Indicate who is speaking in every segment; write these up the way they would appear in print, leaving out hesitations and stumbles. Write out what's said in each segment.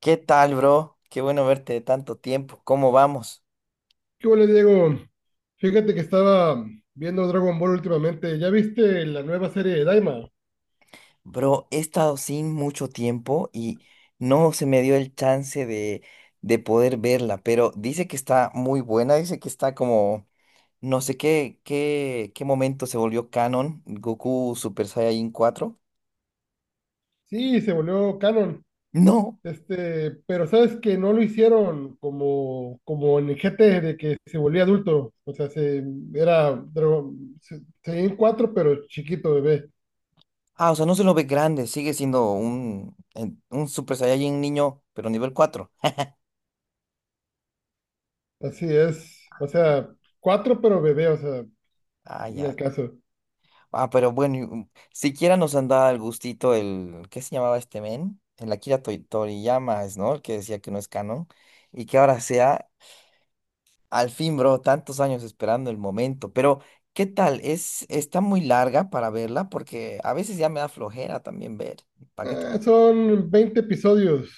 Speaker 1: ¿Qué tal, bro? Qué bueno verte de tanto tiempo. ¿Cómo vamos?
Speaker 2: ¿Qué Hola, Diego? Fíjate que estaba viendo Dragon Ball últimamente. ¿Ya viste la nueva serie de Daima?
Speaker 1: Bro, he estado sin mucho tiempo y no se me dio el chance de poder verla, pero dice que está muy buena, dice que está como, no sé qué momento se volvió canon, Goku Super Saiyajin cuatro.
Speaker 2: Sí, se volvió canon.
Speaker 1: No.
Speaker 2: Este, pero sabes que no lo hicieron como en el GT de que se volvía adulto. O sea, se, era Dragon, se, seguía en cuatro, pero chiquito bebé.
Speaker 1: Ah, o sea, no se lo ve grande, sigue siendo un Super Saiyajin niño, pero nivel 4.
Speaker 2: Así es. O sea, cuatro, pero bebé, o sea,
Speaker 1: Ah,
Speaker 2: en el
Speaker 1: ya.
Speaker 2: caso.
Speaker 1: Ah, pero bueno, siquiera nos han dado el gustito, ¿qué se llamaba este men? El Akira Toriyama, es, ¿no? El que decía que no es canon. Y que ahora sea, al fin, bro, tantos años esperando el momento. Pero, ¿qué tal? Está muy larga para verla porque a veces ya me da flojera también ver. ¿Para qué te-
Speaker 2: Son 20 episodios.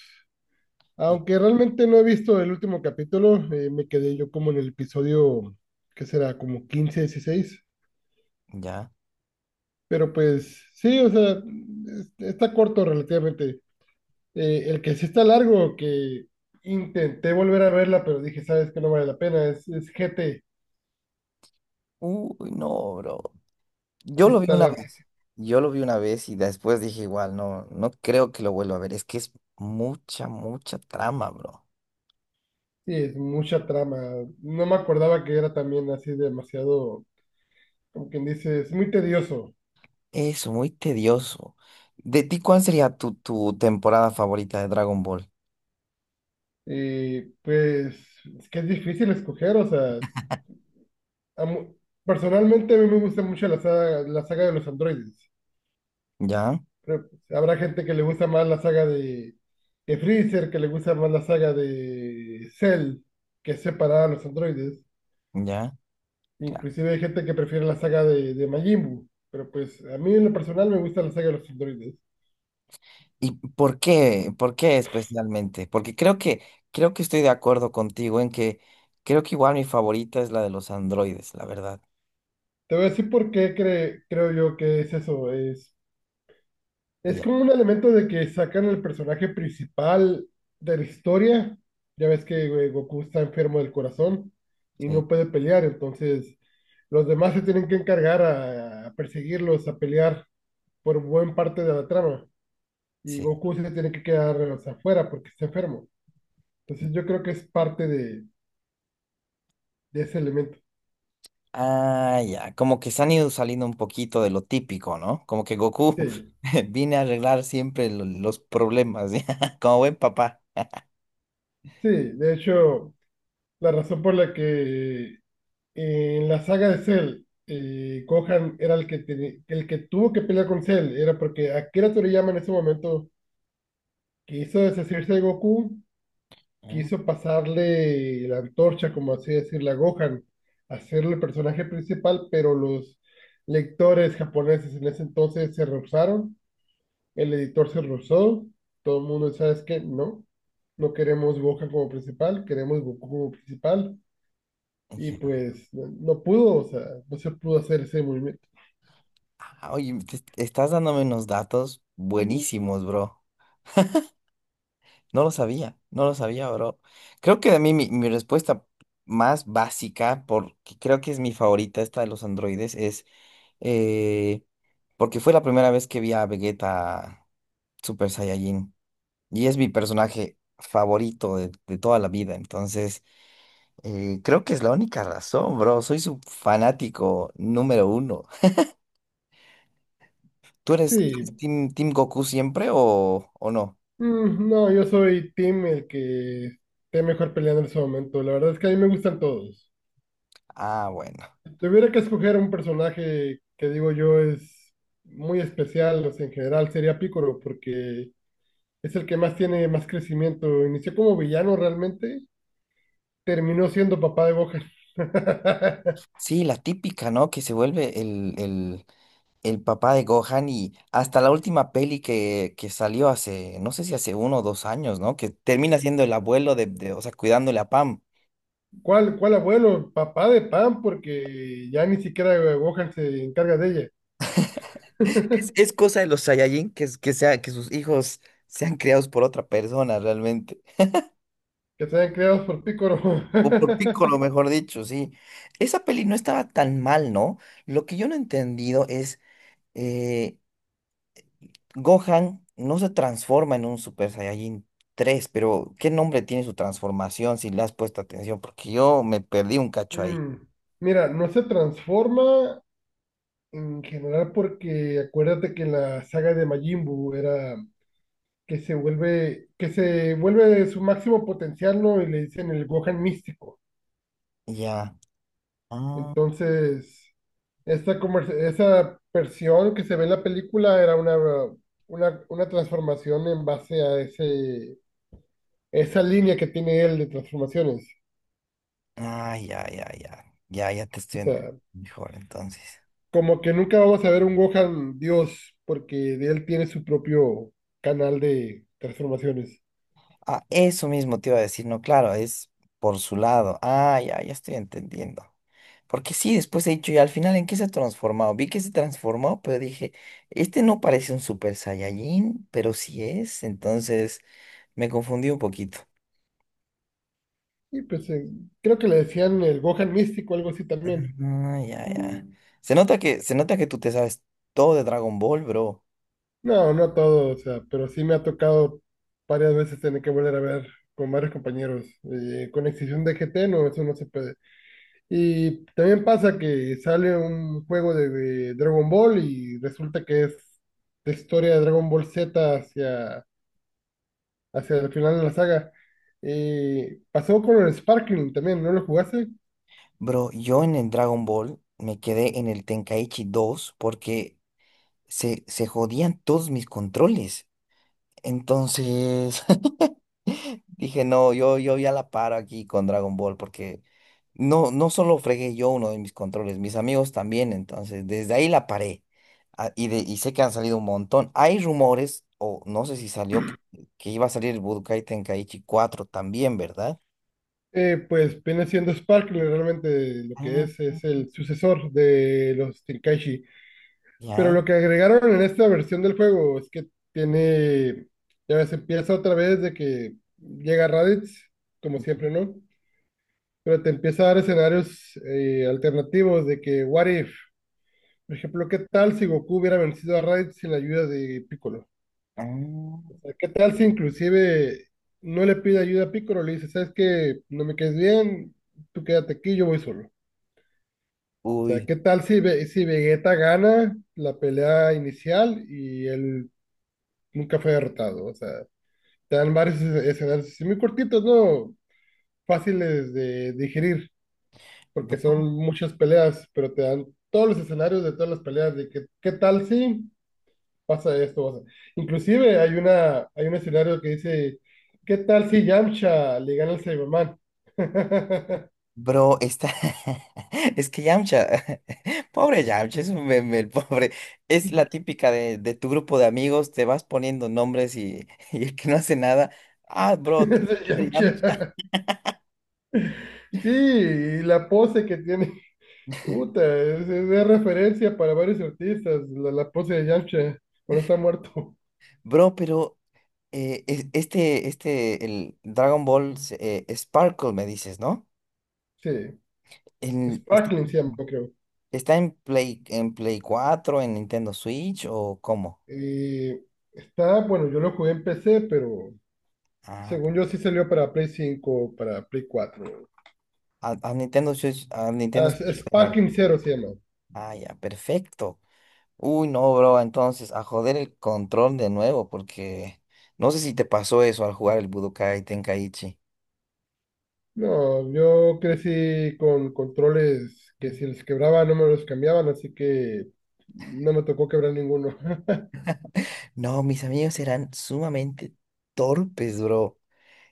Speaker 2: Aunque realmente no he visto el último capítulo, me quedé yo como en el episodio, ¿que será? Como 15, 16.
Speaker 1: Ya.
Speaker 2: Pero pues sí, o sea, está corto relativamente. El que sí está largo, que intenté volver a verla, pero dije, sabes que no vale la pena, es GT,
Speaker 1: Uy, no, bro. Yo
Speaker 2: sí
Speaker 1: lo vi
Speaker 2: está
Speaker 1: una vez.
Speaker 2: larguísimo.
Speaker 1: Yo lo vi una vez y después dije igual, no, no creo que lo vuelva a ver. Es que es mucha, mucha trama, bro.
Speaker 2: Sí, es mucha trama. No me acordaba que era también así demasiado, como quien dice, es muy tedioso.
Speaker 1: Eso, muy tedioso. ¿De ti cuál sería tu temporada favorita de Dragon Ball?
Speaker 2: Y pues es que es difícil escoger, o sea. A mu- Personalmente a mí me gusta mucho la saga de los androides.
Speaker 1: ¿Ya?
Speaker 2: Pero habrá gente que le gusta más la saga de Freezer, que le gusta más la saga de Cell, que es separada a los androides.
Speaker 1: ¿Ya? Claro.
Speaker 2: Inclusive hay gente que prefiere la saga de Majin Buu. Pero pues a mí en lo personal me gusta la saga de los androides.
Speaker 1: ¿Y por qué? ¿Por qué especialmente? Porque creo que estoy de acuerdo contigo en que creo que igual mi favorita es la de los androides, la verdad.
Speaker 2: Te voy a decir por qué creo yo que es eso. Es
Speaker 1: Ya,
Speaker 2: como un elemento de que sacan el personaje principal de la historia. Ya ves que güey, Goku está enfermo del corazón y
Speaker 1: sí,
Speaker 2: no puede pelear, entonces los demás se tienen que encargar a perseguirlos, a pelear por buen parte de la trama. Y
Speaker 1: sí.
Speaker 2: Goku se tiene que quedar o sea, afuera porque está enfermo. Entonces yo creo que es parte de ese elemento.
Speaker 1: Ah, ya. Como que se han ido saliendo un poquito de lo típico, ¿no? Como que Goku
Speaker 2: Sí,
Speaker 1: viene a arreglar siempre los problemas, ¿ya? Como buen papá.
Speaker 2: sí, de hecho, la razón por la que en la saga de Cell, Gohan era el que tuvo que pelear con Cell, era porque Akira Toriyama en ese momento quiso deshacerse de Goku,
Speaker 1: Ah,
Speaker 2: quiso pasarle la antorcha, como así decirle, a Gohan, hacerle el personaje principal, pero los lectores japoneses en ese entonces se rehusaron, el editor se rehusó, todo el mundo, ¿sabes qué? No, no queremos Gohan como principal, queremos Goku como principal. Y
Speaker 1: ya.
Speaker 2: pues no, no pudo, o sea, no se pudo hacer ese movimiento.
Speaker 1: Ah, oye, te estás dándome unos datos buenísimos, bro. No lo sabía, no lo sabía, bro. Creo que a mí mi respuesta más básica, porque creo que es mi favorita, esta de los androides, es eh, porque fue la primera vez que vi a Vegeta Super Saiyajin. Y es mi personaje favorito de toda la vida. Entonces, creo que es la única razón, bro. Soy su fanático número uno. ¿Tú eres, tú
Speaker 2: Sí,
Speaker 1: eres team Goku siempre o no?
Speaker 2: no, yo soy team el que esté mejor peleando en ese momento. La verdad es que a mí me gustan todos.
Speaker 1: Ah, bueno.
Speaker 2: Si tuviera que escoger un personaje que digo yo es muy especial, o sea, en general sería Piccolo, porque es el que más tiene más crecimiento. Inició como villano realmente, terminó siendo papá de Gohan.
Speaker 1: Sí, la típica, ¿no? Que se vuelve el papá de Gohan y hasta la última peli que salió hace, no sé si hace uno o dos años, ¿no? Que termina siendo el abuelo o sea, cuidándole a Pam.
Speaker 2: ¿Cuál abuelo? Papá de Pan, porque ya ni siquiera Gohan se encarga de ella.
Speaker 1: Es cosa de los Saiyajin que sus hijos sean criados por otra persona realmente.
Speaker 2: Que se hayan creados por Piccolo.
Speaker 1: O por Piccolo, mejor dicho, sí. Esa peli no estaba tan mal, ¿no? Lo que yo no he entendido es... eh, Gohan no se transforma en un Super Saiyajin 3, pero ¿qué nombre tiene su transformación si le has puesto atención? Porque yo me perdí un cacho ahí.
Speaker 2: Mm, Mira, no se transforma en general porque acuérdate que en la saga de Majin Buu era que se vuelve su máximo potencial, ¿no? Y le dicen el Gohan místico.
Speaker 1: Ya. Ah,
Speaker 2: Entonces, esa versión que se ve en la película era una transformación en base a esa línea que tiene él de transformaciones.
Speaker 1: ah, ya, ya, ya. Ya, ya te
Speaker 2: O
Speaker 1: estoy entendiendo
Speaker 2: sea,
Speaker 1: mejor entonces.
Speaker 2: como que nunca vamos a ver un Gohan Dios, porque de él tiene su propio canal de transformaciones.
Speaker 1: Ah, eso mismo te iba a decir, no, claro, es por su lado. Ah, ya, ya estoy entendiendo. Porque sí, después he dicho, y al final, ¿en qué se ha transformado? Vi que se transformó, pero dije, este no parece un Super Saiyajin, pero sí es, entonces me confundí un poquito.
Speaker 2: Y pues creo que le decían el Gohan místico, algo así también.
Speaker 1: Ah, ya, ya. Mm. Se nota que tú te sabes todo de Dragon Ball, bro.
Speaker 2: No, no todo, o sea, pero sí me ha tocado varias veces tener que volver a ver con varios compañeros. Con excepción de GT, no, eso no se puede. Y también pasa que sale un juego de Dragon Ball y resulta que es de historia de Dragon Ball Z hacia el final de la saga. Pasó con el Sparkling también, ¿no lo jugaste?
Speaker 1: Bro, yo en el Dragon Ball me quedé en el Tenkaichi dos porque se jodían todos mis controles. Entonces, dije, no, yo, ya la paro aquí con Dragon Ball porque no, no solo fregué yo uno de mis controles, mis amigos también, entonces desde ahí la paré. Ah, y sé que han salido un montón. Hay rumores, o no sé si salió, que iba a salir el Budokai Tenkaichi cuatro también, ¿verdad?
Speaker 2: Pues viene siendo Sparkling realmente lo que es,
Speaker 1: Ah,
Speaker 2: es el sucesor de los Tenkaichi. Pero
Speaker 1: ya.
Speaker 2: lo que agregaron en esta versión del juego es que tiene, ya ves, empieza otra vez de que llega Raditz, como siempre, ¿no? Pero te empieza a dar escenarios alternativos de que, what if, por ejemplo, ¿qué tal si Goku hubiera vencido a Raditz sin la ayuda de Piccolo?
Speaker 1: Ah,
Speaker 2: O sea, ¿qué tal si inclusive no le pide ayuda a Piccolo? Le dice, ¿sabes qué? No me quedes bien, tú quédate aquí, yo voy solo. O sea,
Speaker 1: uy,
Speaker 2: ¿qué tal si Vegeta gana la pelea inicial y él nunca fue derrotado? O sea, te dan varios escenarios así muy cortitos, ¿no? Fáciles de digerir, porque son
Speaker 1: bro.
Speaker 2: muchas peleas, pero te dan todos los escenarios de todas las peleas, de que, ¿qué tal si? Pasa esto. Inclusive hay una, hay un escenario que dice, ¿qué tal si Yamcha le gana al Cyberman?
Speaker 1: Bro, está. Es que Yamcha. Pobre Yamcha, es un meme, el pobre. Es la típica de tu grupo de amigos, te vas poniendo nombres y, y el que no hace nada. Ah, bro, tú
Speaker 2: Ese
Speaker 1: eres
Speaker 2: Yamcha.
Speaker 1: Yamcha.
Speaker 2: Sí, y la pose que tiene, puta, es de referencia para varios artistas, la pose de Yamcha cuando está muerto.
Speaker 1: Bro, pero este, el Dragon Ball Sparkle, me dices, ¿no?
Speaker 2: Sí,
Speaker 1: En- está,
Speaker 2: Sparkling se llama, creo.
Speaker 1: está en Play 4 en Nintendo Switch o cómo?
Speaker 2: Y está, bueno, yo lo jugué en PC, pero
Speaker 1: Ah,
Speaker 2: según yo sí salió para Play 5, para Play 4.
Speaker 1: a Nintendo Switch, a Nintendo
Speaker 2: Ah,
Speaker 1: Switch. Dejar.
Speaker 2: Sparkling Zero se llama.
Speaker 1: Ah, ya, perfecto. Uy, no, bro, entonces a joder el control de nuevo, porque no sé si te pasó eso al jugar el Budokai Tenkaichi.
Speaker 2: No, yo crecí con controles que si les quebraba no me los cambiaban, así que no me tocó quebrar ninguno.
Speaker 1: No, mis amigos eran sumamente torpes, bro.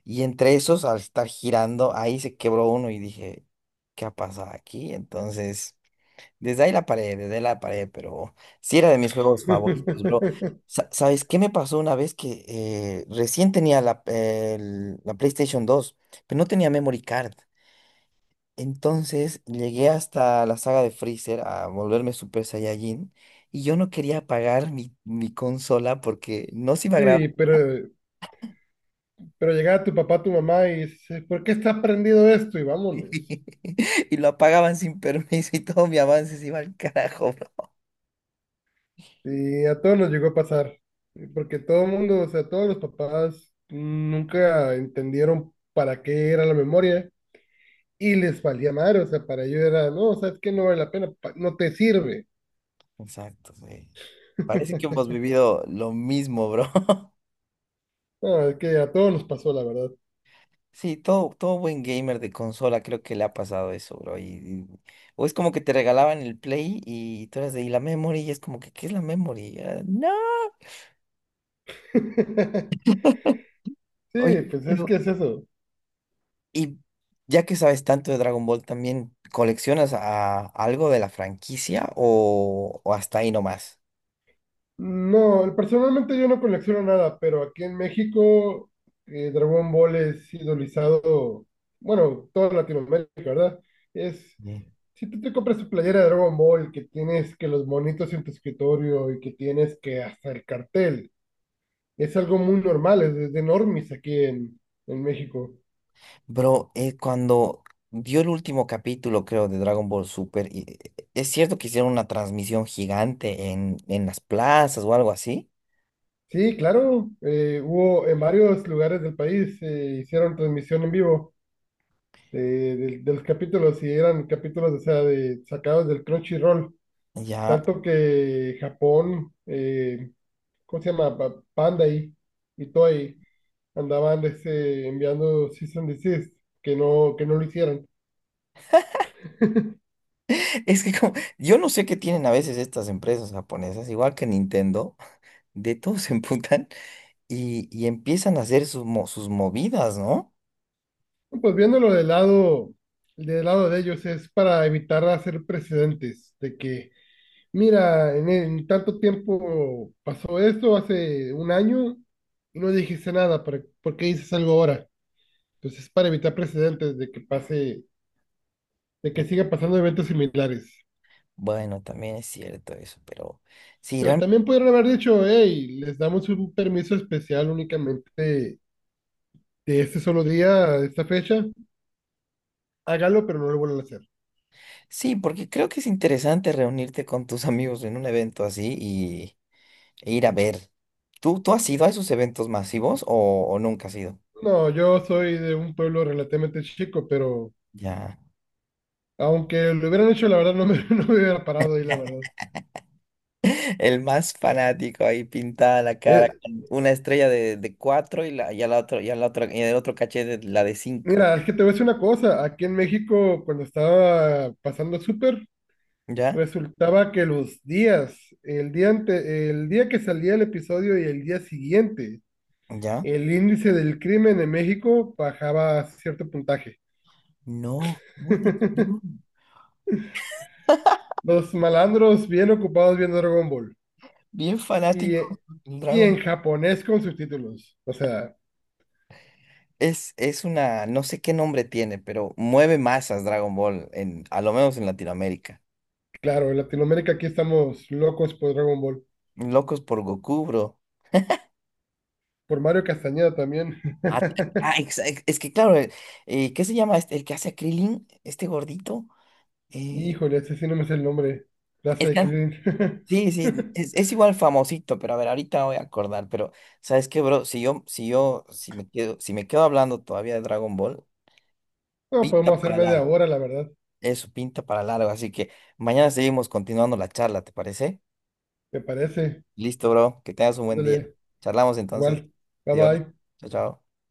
Speaker 1: Y entre esos, al estar girando, ahí se quebró uno y dije, ¿qué ha pasado aquí? Entonces, desde ahí la paré, desde ahí la paré, pero sí era de mis juegos favoritos, bro. ¿Sabes qué me pasó una vez que recién tenía la PlayStation dos pero no tenía memory card? Entonces llegué hasta la saga de Freezer a volverme Super Saiyajin y yo no quería apagar mi consola porque no se iba a grabar
Speaker 2: Sí, pero llegaba tu papá, tu mamá y dice, ¿por qué está prendido esto? Y vámonos.
Speaker 1: y lo apagaban sin permiso y todo mi avance se iba al carajo, bro.
Speaker 2: Y a todos nos llegó a pasar, porque todo el mundo, o sea, todos los papás nunca entendieron para qué era la memoria y les valía madre, o sea, para ellos era, no, o sea, es que no vale la pena, no te sirve.
Speaker 1: Exacto, güey. Parece que hemos vivido lo mismo, bro.
Speaker 2: No, es que a todos nos pasó, la verdad.
Speaker 1: Sí, todo, todo buen gamer de consola creo que le ha pasado eso, bro. O es como que te regalaban el Play y tú eras y la memory y es como que, ¿qué es la memory? Ah, no. Oye,
Speaker 2: Sí, pues es
Speaker 1: pero
Speaker 2: que es eso.
Speaker 1: Y ya que sabes tanto de Dragon Ball, ¿también coleccionas algo de la franquicia o hasta ahí nomás?
Speaker 2: No, personalmente yo no colecciono nada, pero aquí en México Dragon Ball es idolizado, bueno, toda Latinoamérica, ¿verdad? Es,
Speaker 1: Sí.
Speaker 2: si tú te compras tu playera de Dragon Ball, que tienes que los monitos en tu escritorio y que tienes que hasta el cartel, es algo muy normal, es de normis aquí en México.
Speaker 1: Bro, cuando vio el último capítulo, creo, de Dragon Ball Super, es cierto que hicieron una transmisión gigante en las plazas o algo así.
Speaker 2: Sí, claro, hubo en varios lugares del país, hicieron transmisión en vivo de los capítulos y eran capítulos, o sea, sacados del Crunchyroll.
Speaker 1: Ya,
Speaker 2: Tanto que Japón, ¿cómo se llama? Bandai y Toei andaban este, enviando season and desist, que no, lo hicieran.
Speaker 1: es que como, yo no sé qué tienen a veces estas empresas japonesas, igual que Nintendo, de todos se emputan y empiezan a hacer sus movidas, ¿no?
Speaker 2: Pues viéndolo del lado de ellos es para evitar hacer precedentes de que, mira, en tanto tiempo pasó esto hace un año y no dijiste nada, por qué dices algo ahora? Entonces es para evitar precedentes de que pase, de que siga pasando eventos similares.
Speaker 1: Bueno, también es cierto eso, pero sí,
Speaker 2: Pero
Speaker 1: real-
Speaker 2: también pudieron haber dicho, hey, les damos un permiso especial únicamente de este solo día, de esta fecha, hágalo, pero no lo vuelvan a hacer.
Speaker 1: sí, porque creo que es interesante reunirte con tus amigos en un evento así e ir a ver. ¿Tú has ido a esos eventos masivos o nunca has ido?
Speaker 2: No, yo soy de un pueblo relativamente chico, pero
Speaker 1: Ya.
Speaker 2: aunque lo hubieran hecho, la verdad no me, no me hubiera parado ahí, la verdad.
Speaker 1: El más fanático ahí pintada la cara
Speaker 2: Eh,
Speaker 1: con una estrella de cuatro y a la otra, y a la otra, y en el otro cachete la de cinco.
Speaker 2: Mira, es que te voy a decir una cosa, aquí en México, cuando estaba pasando el súper,
Speaker 1: ¿Ya?
Speaker 2: resultaba que los días, el día que salía el episodio y el día siguiente,
Speaker 1: ¿Ya?
Speaker 2: el índice del crimen en México bajaba a cierto puntaje.
Speaker 1: No, ¿cómo no?
Speaker 2: Los malandros bien ocupados viendo Dragon Ball
Speaker 1: Bien
Speaker 2: y,
Speaker 1: fanático del
Speaker 2: y en
Speaker 1: Dragon.
Speaker 2: japonés con subtítulos. O sea,
Speaker 1: Es una, no sé qué nombre tiene, pero mueve masas Dragon Ball, a lo menos en Latinoamérica.
Speaker 2: claro, en Latinoamérica aquí estamos locos por Dragon Ball,
Speaker 1: Locos por Goku, bro.
Speaker 2: por Mario Castañeda también.
Speaker 1: Ah, ah, es que claro, ¿qué se llama este? El que hace a Krillin, este gordito. Eh,
Speaker 2: Híjole, ese sí no me sé el nombre. Clase
Speaker 1: el
Speaker 2: de
Speaker 1: que
Speaker 2: Krillin.
Speaker 1: sí, sí, es igual famosito, pero a ver, ahorita me voy a acordar, pero ¿sabes qué, bro? Si me quedo hablando todavía de Dragon Ball,
Speaker 2: No,
Speaker 1: pinta
Speaker 2: podemos hacer
Speaker 1: para
Speaker 2: media
Speaker 1: largo.
Speaker 2: hora, la verdad,
Speaker 1: Eso, pinta para largo. Así que mañana seguimos continuando la charla, ¿te parece?
Speaker 2: me parece.
Speaker 1: Listo, bro. Que tengas un buen día.
Speaker 2: Ándale,
Speaker 1: Charlamos entonces.
Speaker 2: igual. Bye
Speaker 1: Dios.
Speaker 2: bye.
Speaker 1: Chao, chao.